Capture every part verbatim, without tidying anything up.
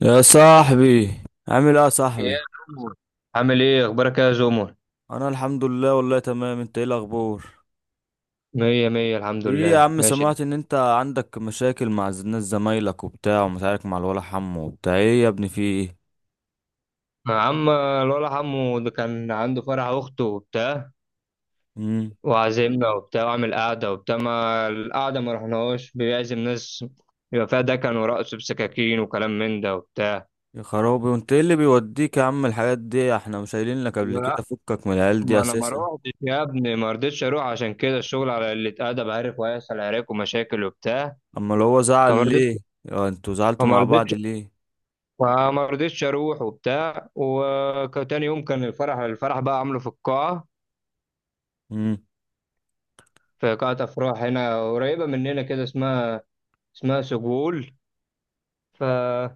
يا صاحبي، عامل ايه يا يا صاحبي؟ جومو، عامل ايه؟ اخبارك إيه يا جومو؟ انا الحمد لله والله تمام، انت ايه الاخبار؟ مية مية، الحمد ايه يا لله، عم، ماشي. سمعت ان انت عندك مشاكل مع ز- ناس زمايلك وبتاع، ومشاكل مع الولا حمو وبتاع، ايه يا ابني في ايه؟ عم الولا عمو ده كان عنده فرح اخته وبتاع، امم. وعزمنا وبتاع، وعمل قعدة وبتاع. ما القعدة ما رحناهوش، بيعزم ناس يبقى فيها دكن ورقص بسكاكين وكلام من ده وبتاع. يا خرابي، وانت ايه اللي بيوديك يا عم الحاجات دي؟ احنا مش قايلين لك قبل لا، كده فكك من العيال ما دي انا ما اساسا؟ روحتش يا ابني، ما رضيتش اروح عشان كده الشغل على اللي اتقدم، عارف، وهيحصل عراك ومشاكل وبتاع. اما لو هو زعل فما رضيتش ليه؟ اه، انتوا زعلتوا فما مع بعض رضيتش ليه؟ فما رضيتش اروح وبتاع. وتاني يوم كان الفرح، الفرح بقى عامله في القاعه، امم. في قاعه افراح هنا قريبه مننا كده، اسمها اسمها سجول. فبس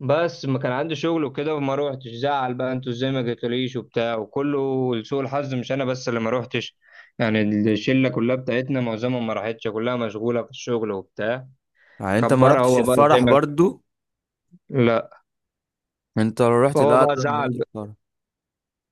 ما كان عندي شغل وكده وما روحتش. زعل بقى انتوا ازاي ما جيتوليش وبتاع، وكله. لسوء الحظ مش انا بس اللي ما روحتش، يعني الشله كلها بتاعتنا معظمهم ما راحتش، كلها مشغوله في الشغل وبتاع. يعني انت ما كبرها رحتش هو بقى زي الفرح ما... برضو؟ لا. انت لو رحت، فهو لا بقى ده ما زعل رحت بقى. الفرح.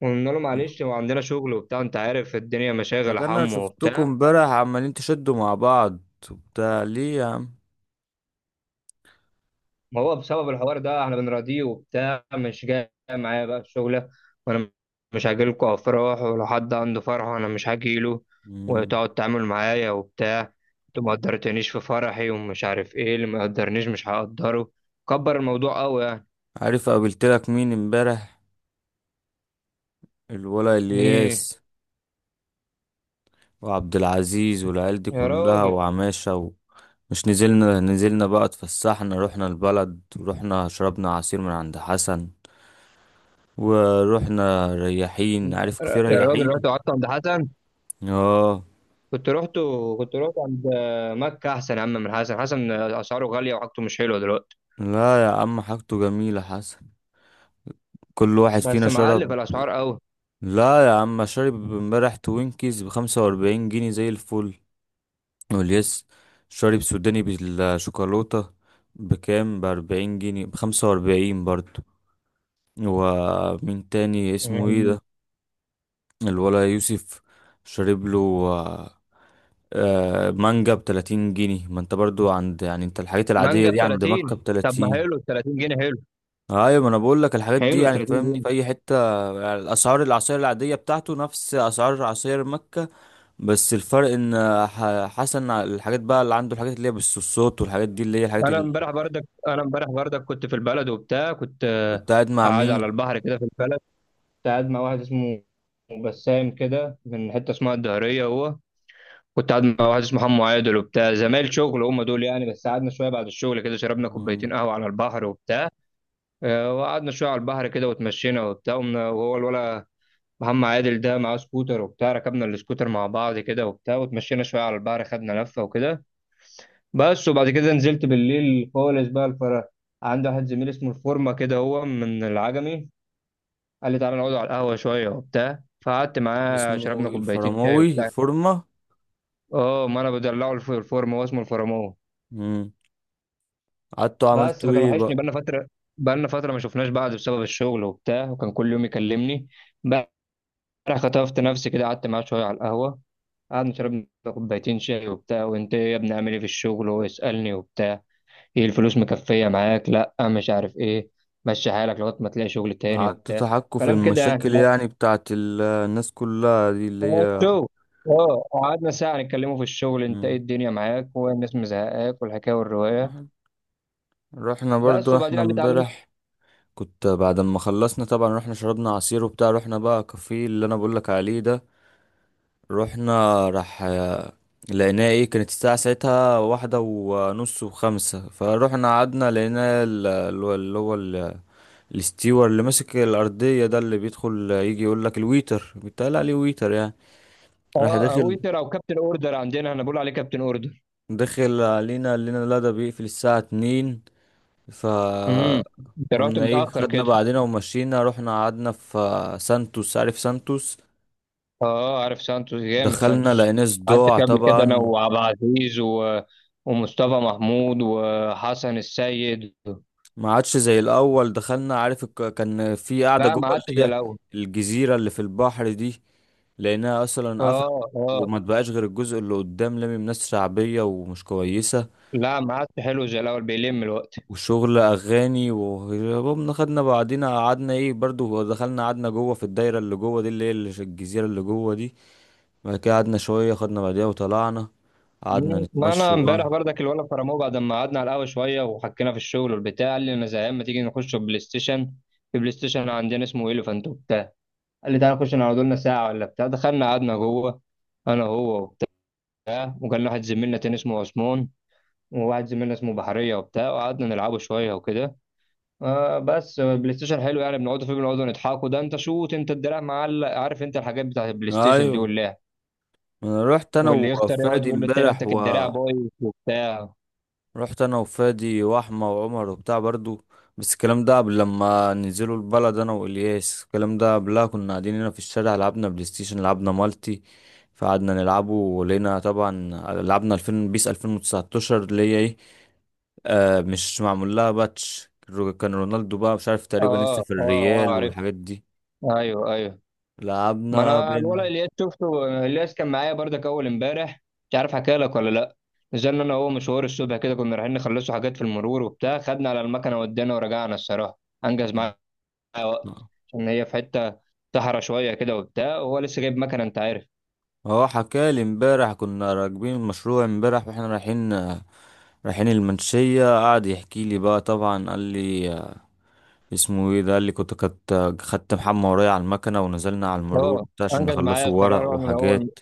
وقلنا له معلش، هو عندنا شغل وبتاع، انت عارف الدنيا ده مشاغل يا كان انا حمو شفتكم وبتاع. امبارح عمالين تشدوا مع بعض وبتاع، ليه يا عم؟ ما هو بسبب الحوار ده احنا بنراضيه وبتاع، مش جاي معايا بقى الشغلة. وانا مش هاجيلكوا افراح، ولو حد عنده فرح وانا مش هاجيله مم. وتقعد تعمل معايا وبتاع. انتوا ما قدرتنيش في فرحي ومش عارف ايه اللي ما قدرنيش، مش هقدره. كبر الموضوع قوي يعني. عارف قابلتلك مين امبارح؟ الولا مين؟ الياس وعبد العزيز والعيال دي يا كلها راجل، وعماشة و... مش نزلنا نزلنا بقى، اتفسحنا، رحنا البلد، ورحنا شربنا عصير من عند حسن، ورحنا رياحين، عارف كيف يا راجل رياحين؟ رحت قعدت عند حسن. اه. كنت رحت كنت رحت عند مكة. احسن يا عم من حسن، حسن اسعاره غالية وحاجته مش حلوة دلوقتي. لا يا عم، حاجته جميلة حسن، كل واحد بس فينا معلي في شرب. الاسعار لا يا عم، شارب امبارح توينكيز بخمسة وأربعين جنيه زي الفل، واليس شارب سوداني بالشوكولاتة بكام، بأربعين جنيه، بخمسة وأربعين برضو. ومين تاني اسمه ايه قوي. ده؟ الولا يوسف شارب له آه، آه، مانجا بتلاتين جنيه. ما انت برضو عند، يعني انت الحاجات العادية مانجا ب دي عند تلاتين؟ مكة طب ما بتلاتين. حلو، تلاتين جنيه حلو. ايوه، ما انا بقول لك الحاجات دي، حلو يعني 30 فاهمني، جنيه في اي حتة. يعني الاسعار، العصير العادية بتاعته نفس اسعار عصير مكة، بس الفرق ان ح- حسن الحاجات بقى اللي عنده، الحاجات اللي هي بالصوت والحاجات دي اللي هي الحاجات انا اللي... امبارح بردك انا امبارح بردك كنت في البلد وبتاع. كنت آه، كنت قاعد مع قاعد على مين؟ البحر كده في البلد، كنت قاعد مع واحد اسمه بسام كده، من حته اسمها الدهريه. هو كنت قاعد مع واحد اسمه حمو عادل وبتاع، زمايل شغل هم دول يعني. بس قعدنا شويه بعد الشغل كده، شربنا كوبايتين مم. قهوه على البحر وبتاع. آه، وقعدنا شويه على البحر كده وتمشينا وبتاع. قمنا- وهو الولا محمد عادل ده معاه سكوتر وبتاع، ركبنا السكوتر مع بعض كده وبتاع، وتمشينا شويه على البحر، خدنا لفه وكده. بس. وبعد كده نزلت بالليل خالص بقى الفرح. عندي واحد زميل اسمه الفورمة كده، هو من العجمي. قال لي تعالى نقعد على القهوة شوية وبتاع. فقعدت معاه، اسمه شربنا كوبايتين شاي الفرماوي، وبتاع. الفورمة. اه، ما انا بدلعه، الف- الفورمة هو اسمه الفرمون. مم. قعدت بس عملته فكان ايه وحشني، بقى؟ بقالنا فترة بقالنا فترة ما شفناش بعض بسبب الشغل وبتاع، وكان كل يوم يكلمني. بقى خطفت نفسي كده، قعدت معاه شوية على القهوة. قعدنا شربنا كوبايتين شاي وبتاع. وانت إيه يا ابني، عامل ايه في الشغل؟ وهو يسألني وبتاع، ايه الفلوس مكفية معاك؟ لا مش عارف ايه، مشي حالك لغاية ما تلاقي شغل تاني قعدت وبتاع. تحكوا في كلام كده يعني. المشاكل، لا، يعني بتاعت ال- الناس كلها دي اللي هو هي. الشغل. اه قعدنا ساعة نتكلموا في الشغل، انت ايه مم. الدنيا معاك والناس مزهقاك، والحكاية والرواية. رحنا بس برضو وبعدين احنا قال لي تعالى. امبارح، كنت بعد ما خلصنا طبعا رحنا شربنا عصير وبتاع، رحنا بقى كافيه اللي انا بقولك عليه ده، رحنا، راح لقيناها ايه، كانت الساعة ساعتها واحدة ونص وخمسة، فروحنا قعدنا، لقينا ال- ال- اللي هو ال- الاستيور اللي ماسك الأرضية ده، اللي بيدخل يجي يقول لك، الويتر بيتقال عليه ويتر يعني. راح اه، داخل، ويتر او كابتن اوردر، عندنا احنا بنقول عليه كابتن اوردر. داخل علينا، قال لنا لا ده بيقفل الساعة اتنين. ف امم، انت رحت قمنا ايه، متأخر خدنا كده. بعدنا ومشينا، رحنا قعدنا في سانتوس، عارف سانتوس؟ اه عارف سانتوس، جامد دخلنا سانتوس. لقيناه قعدت صداع فيه قبل كده انا طبعا، وعبد العزيز و... ومصطفى محمود وحسن السيد. ما عادش زي الاول. دخلنا، عارف الك- كان في قاعده لا جوه ما قعدتش اللي زي هي الاول. الجزيره اللي في البحر دي، لانها اصلا قفلت، اه اه. وما تبقاش غير الجزء اللي قدام، لامم ناس شعبيه ومش كويسه، لا ما عادش حلو زي الاول، بيلم الوقت. وشغل اغاني، وهربنا، خدنا بعدينا، قعدنا ايه برضو، دخلنا قعدنا جوه في الدايره اللي جوه دي اللي هي اللي- الجزيره اللي جوه دي. بعد كده قعدنا شويه، خدنا بعديها وطلعنا، قعدنا مم. ما نتمشى انا امبارح بقى. برضك الولد فرموه، بعد ما قعدنا على القهوه شويه وحكينا في الشغل والبتاع قال لي انا زهقان، ما تيجي نخش بلاي ستيشن. في بلاي ستيشن عندنا اسمه ايليفانت وبتاع. قال لي تعالى نخش نقعد لنا ساعه ولا بتاع. دخلنا قعدنا جوه، انا هو وبتاع، وكان لنا واحد زميلنا تاني اسمه عثمان، وواحد زميلنا اسمه بحريه وبتاع. وقعدنا نلعبه شويه وكده. آه بس بلاي ستيشن حلو يعني، بنقعدوا فيه بنقعدوا نضحكوا، ده انت شوت، انت الدراع معلق، عارف انت الحاجات بتاعت البلاي ستيشن دي ايوه. واللعب. انا رحت انا واللي يختار يقعد وفادي يقول له التاني انت امبارح و الدراع بايظ وبتاع. رحت انا وفادي واحمى وعمر وبتاع برضو. بس الكلام ده قبل لما ننزلوا البلد، انا والياس، الكلام ده قبلها كنا قاعدين هنا في الشارع، لعبنا بلاي ستيشن، لعبنا مالتي، فقعدنا نلعبه ولقينا طبعا، لعبنا الفين، بيس الفين وتسعة عشر اللي هي ايه، آه، مش معمول لها باتش، رو- كان رونالدو بقى مش عارف اه تقريبا لسه في اه اه، الريال عرفت. والحاجات دي، ايوه ايوه. ما لعبنا انا الولد بين. الياس شفته، الياس كان معايا برضك اول امبارح. مش عارف حكى لك ولا لا. نزلنا انا وهو مشوار الصبح كده، كنا رايحين نخلصوا حاجات في المرور وبتاع، خدنا على المكنه ودينا ورجعنا. الصراحه انجز معايا وقت، عشان هي في حته صحرا شويه كده وبتاع، وهو لسه جايب مكنه انت عارف. هو حكالي امبارح، كنا راكبين المشروع امبارح واحنا رايحين رايحين المنشية، قعد يحكي لي بقى طبعا، قال لي اسمه ايه ده، قال لي كنت كنت خدت محمى ورايا على المكنة، ونزلنا على المرور اه وبتاع عشان انجز معايا نخلصوا الصراحه. ورق رحنا الاول، وحاجات.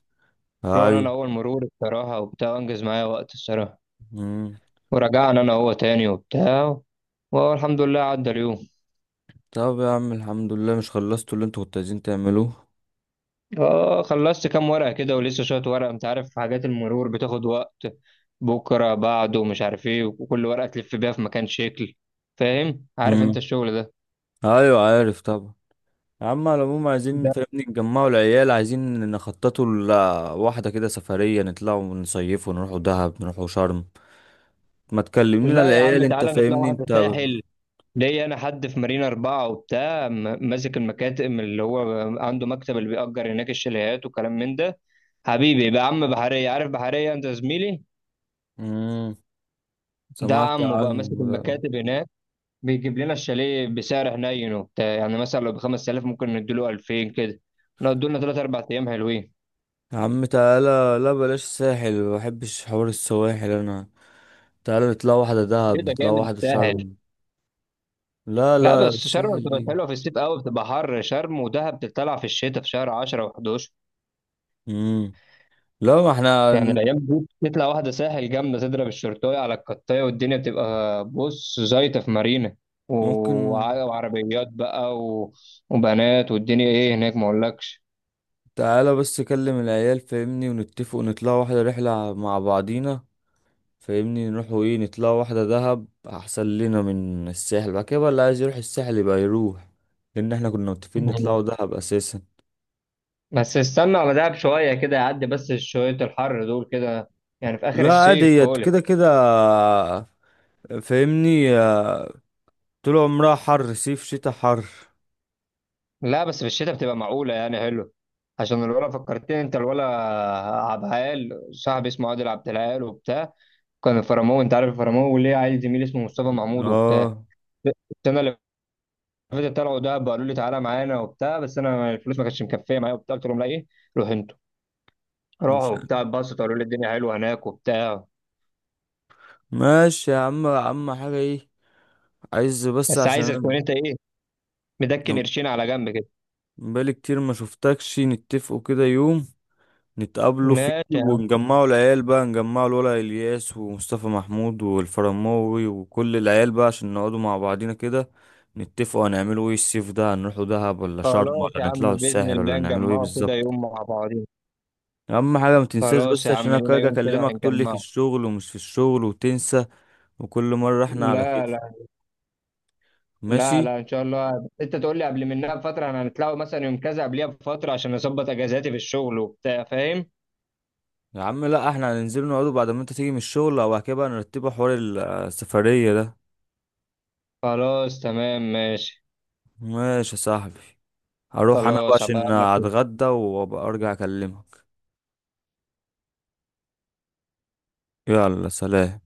رحنا ايوه. انا اول مرور الصراحه وبتاع، انجز معايا وقت الصراحه. مم. ورجعنا انا هو تاني وبتاع. والحمد لله عدى اليوم. طب يا عم الحمد لله، مش خلصتوا اللي انتوا كنتوا عايزين تعملوه؟ اه خلصت كام ورقة كده، ولسه شوية ورقة، انت عارف حاجات المرور بتاخد وقت، بكرة بعده مش عارف ايه، وكل ورقة تلف بيها في مكان شكل. فاهم، عارف انت مم. الشغل ده. ايوه، عارف طبعا. يا عم على العموم، عايزين لا، فاهمني نجمعوا العيال، عايزين نخططوا لواحدة كده سفرية، نطلعوا ونصيفوا، نروحوا دهب، نروحوا شرم. ما تكلمنينا لا يا عم العيال، انت تعالى نطلع فاهمني واحدة انت. ساحل. ليا انا حد في مارينا أربعة وبتاع، م- ماسك المكاتب، اللي هو عنده مكتب، اللي بيأجر هناك الشاليهات وكلام من ده. حبيبي بقى عم بحرية، عارف بحرية انت، زميلي امم. ده. سمعت عمه بقى عنه ماسك ده. المكاتب هناك. بيجيب لنا الشاليه بسعر حنين وبتاع، يعني مثلا لو ب خمسة آلاف ممكن نديله ألفين كده، نقعد لنا تلاتة أربعة ايام حلوين. يا عم تعالى، لا بلاش ساحل، ما بحبش حوار السواحل انا، تعالى نطلع واحدة ايه دهب، ده نطلع جامد واحدة سهل. شرم. لا لا لا، بس شرم الساحل بتبقى دي. حلوه في الصيف قوي، بتبقى حر. شرم ودهب بتطلع في الشتاء، في شهر عشرة و11. امم. لا ما احنا يعني ن- الايام دي تطلع واحده ساحل جامده، تضرب الشرطايه على القطايه، والدنيا بتبقى بص زيطه في مارينا. و- ممكن. وع- وعربيات بقى و... وبنات والدنيا ايه هناك ما اقولكش. تعالى بس كلم العيال فاهمني، ونتفق ونطلع واحدة رحلة مع بعضينا، فاهمني، نروحوا ايه، نطلع واحدة دهب احسن لنا من الساحل، بعد كده بقى اللي عايز يروح الساحل يبقى يروح، لان احنا كنا متفقين نطلعوا دهب اساسا. بس استنى على دهب شوية كده يعدي بس شوية الحر دول كده، يعني في آخر لا عادي الصيف هي خالص. كده كده، فاهمني، طول عمرها حر، صيف شتاء حر. لا بس في الشتاء بتبقى معقولة يعني حلو. عشان الولا فكرتني، انت الولا عبد العال صاحبي، اسمه عادل عبد العال وبتاع. كان الفرامو، انت عارف الفرامو، وليه عيل زميلي اسمه مصطفى محمود وبتاع. اه السنة اللي فاتت طلعوا دهب، قالوا لي تعالى معانا وبتاع، بس انا الفلوس ما كانتش مكفية معايا وبتاع، قلت لهم لا ايه روح انتوا. راحوا مش وبتاع، اتبسطوا، قالوا لي الدنيا حلوة هناك وبتاع. ماشي يا عم. عم حاجة ايه، عايز بس بس عشان عايزك تكون انا انت ايه، مدكن أنا قرشين على جنب كده. بقالي كتير ما شفتكش، نتفقوا كده يوم نتقابلوا فيه ماشي. ونجمعوا العيال بقى، نجمعوا الولا الياس ومصطفى محمود والفرماوي وكل العيال بقى، عشان نقعدوا مع بعضينا كده، نتفقوا هنعملوا ايه الصيف ده، هنروحوا دهب ولا شرم، خلاص ولا يا نطلعوا عم بإذن الساحل، ولا الله نعملوا ايه نجمعه كده بالظبط. يوم مع بعضين. اهم حاجه ما تنساش، خلاص بس يا عشان عم انا لينا اجي يوم كده اكلمك تقول لي في هنجمعه. الشغل ومش في الشغل وتنسى، وكل مره احنا على كده. لا لا لا ماشي لا، إن شاء الله أنت تقول لي قبل منها بفترة، احنا هنطلعوا مثلا يوم كذا، قبلها بفترة عشان أظبط أجازاتي في الشغل وبتاع فاهم. يا عم. لا احنا هننزل نقعدوا بعد ما انت تيجي من الشغل، او بعد كده بقى نرتبوا حوار السفريه ده. خلاص تمام ماشي. ماشي يا صاحبي، هروح انا بقى خلاص هبقى عشان أقابلك. اتغدى، وابقى ارجع اكلمك. يلا سلام.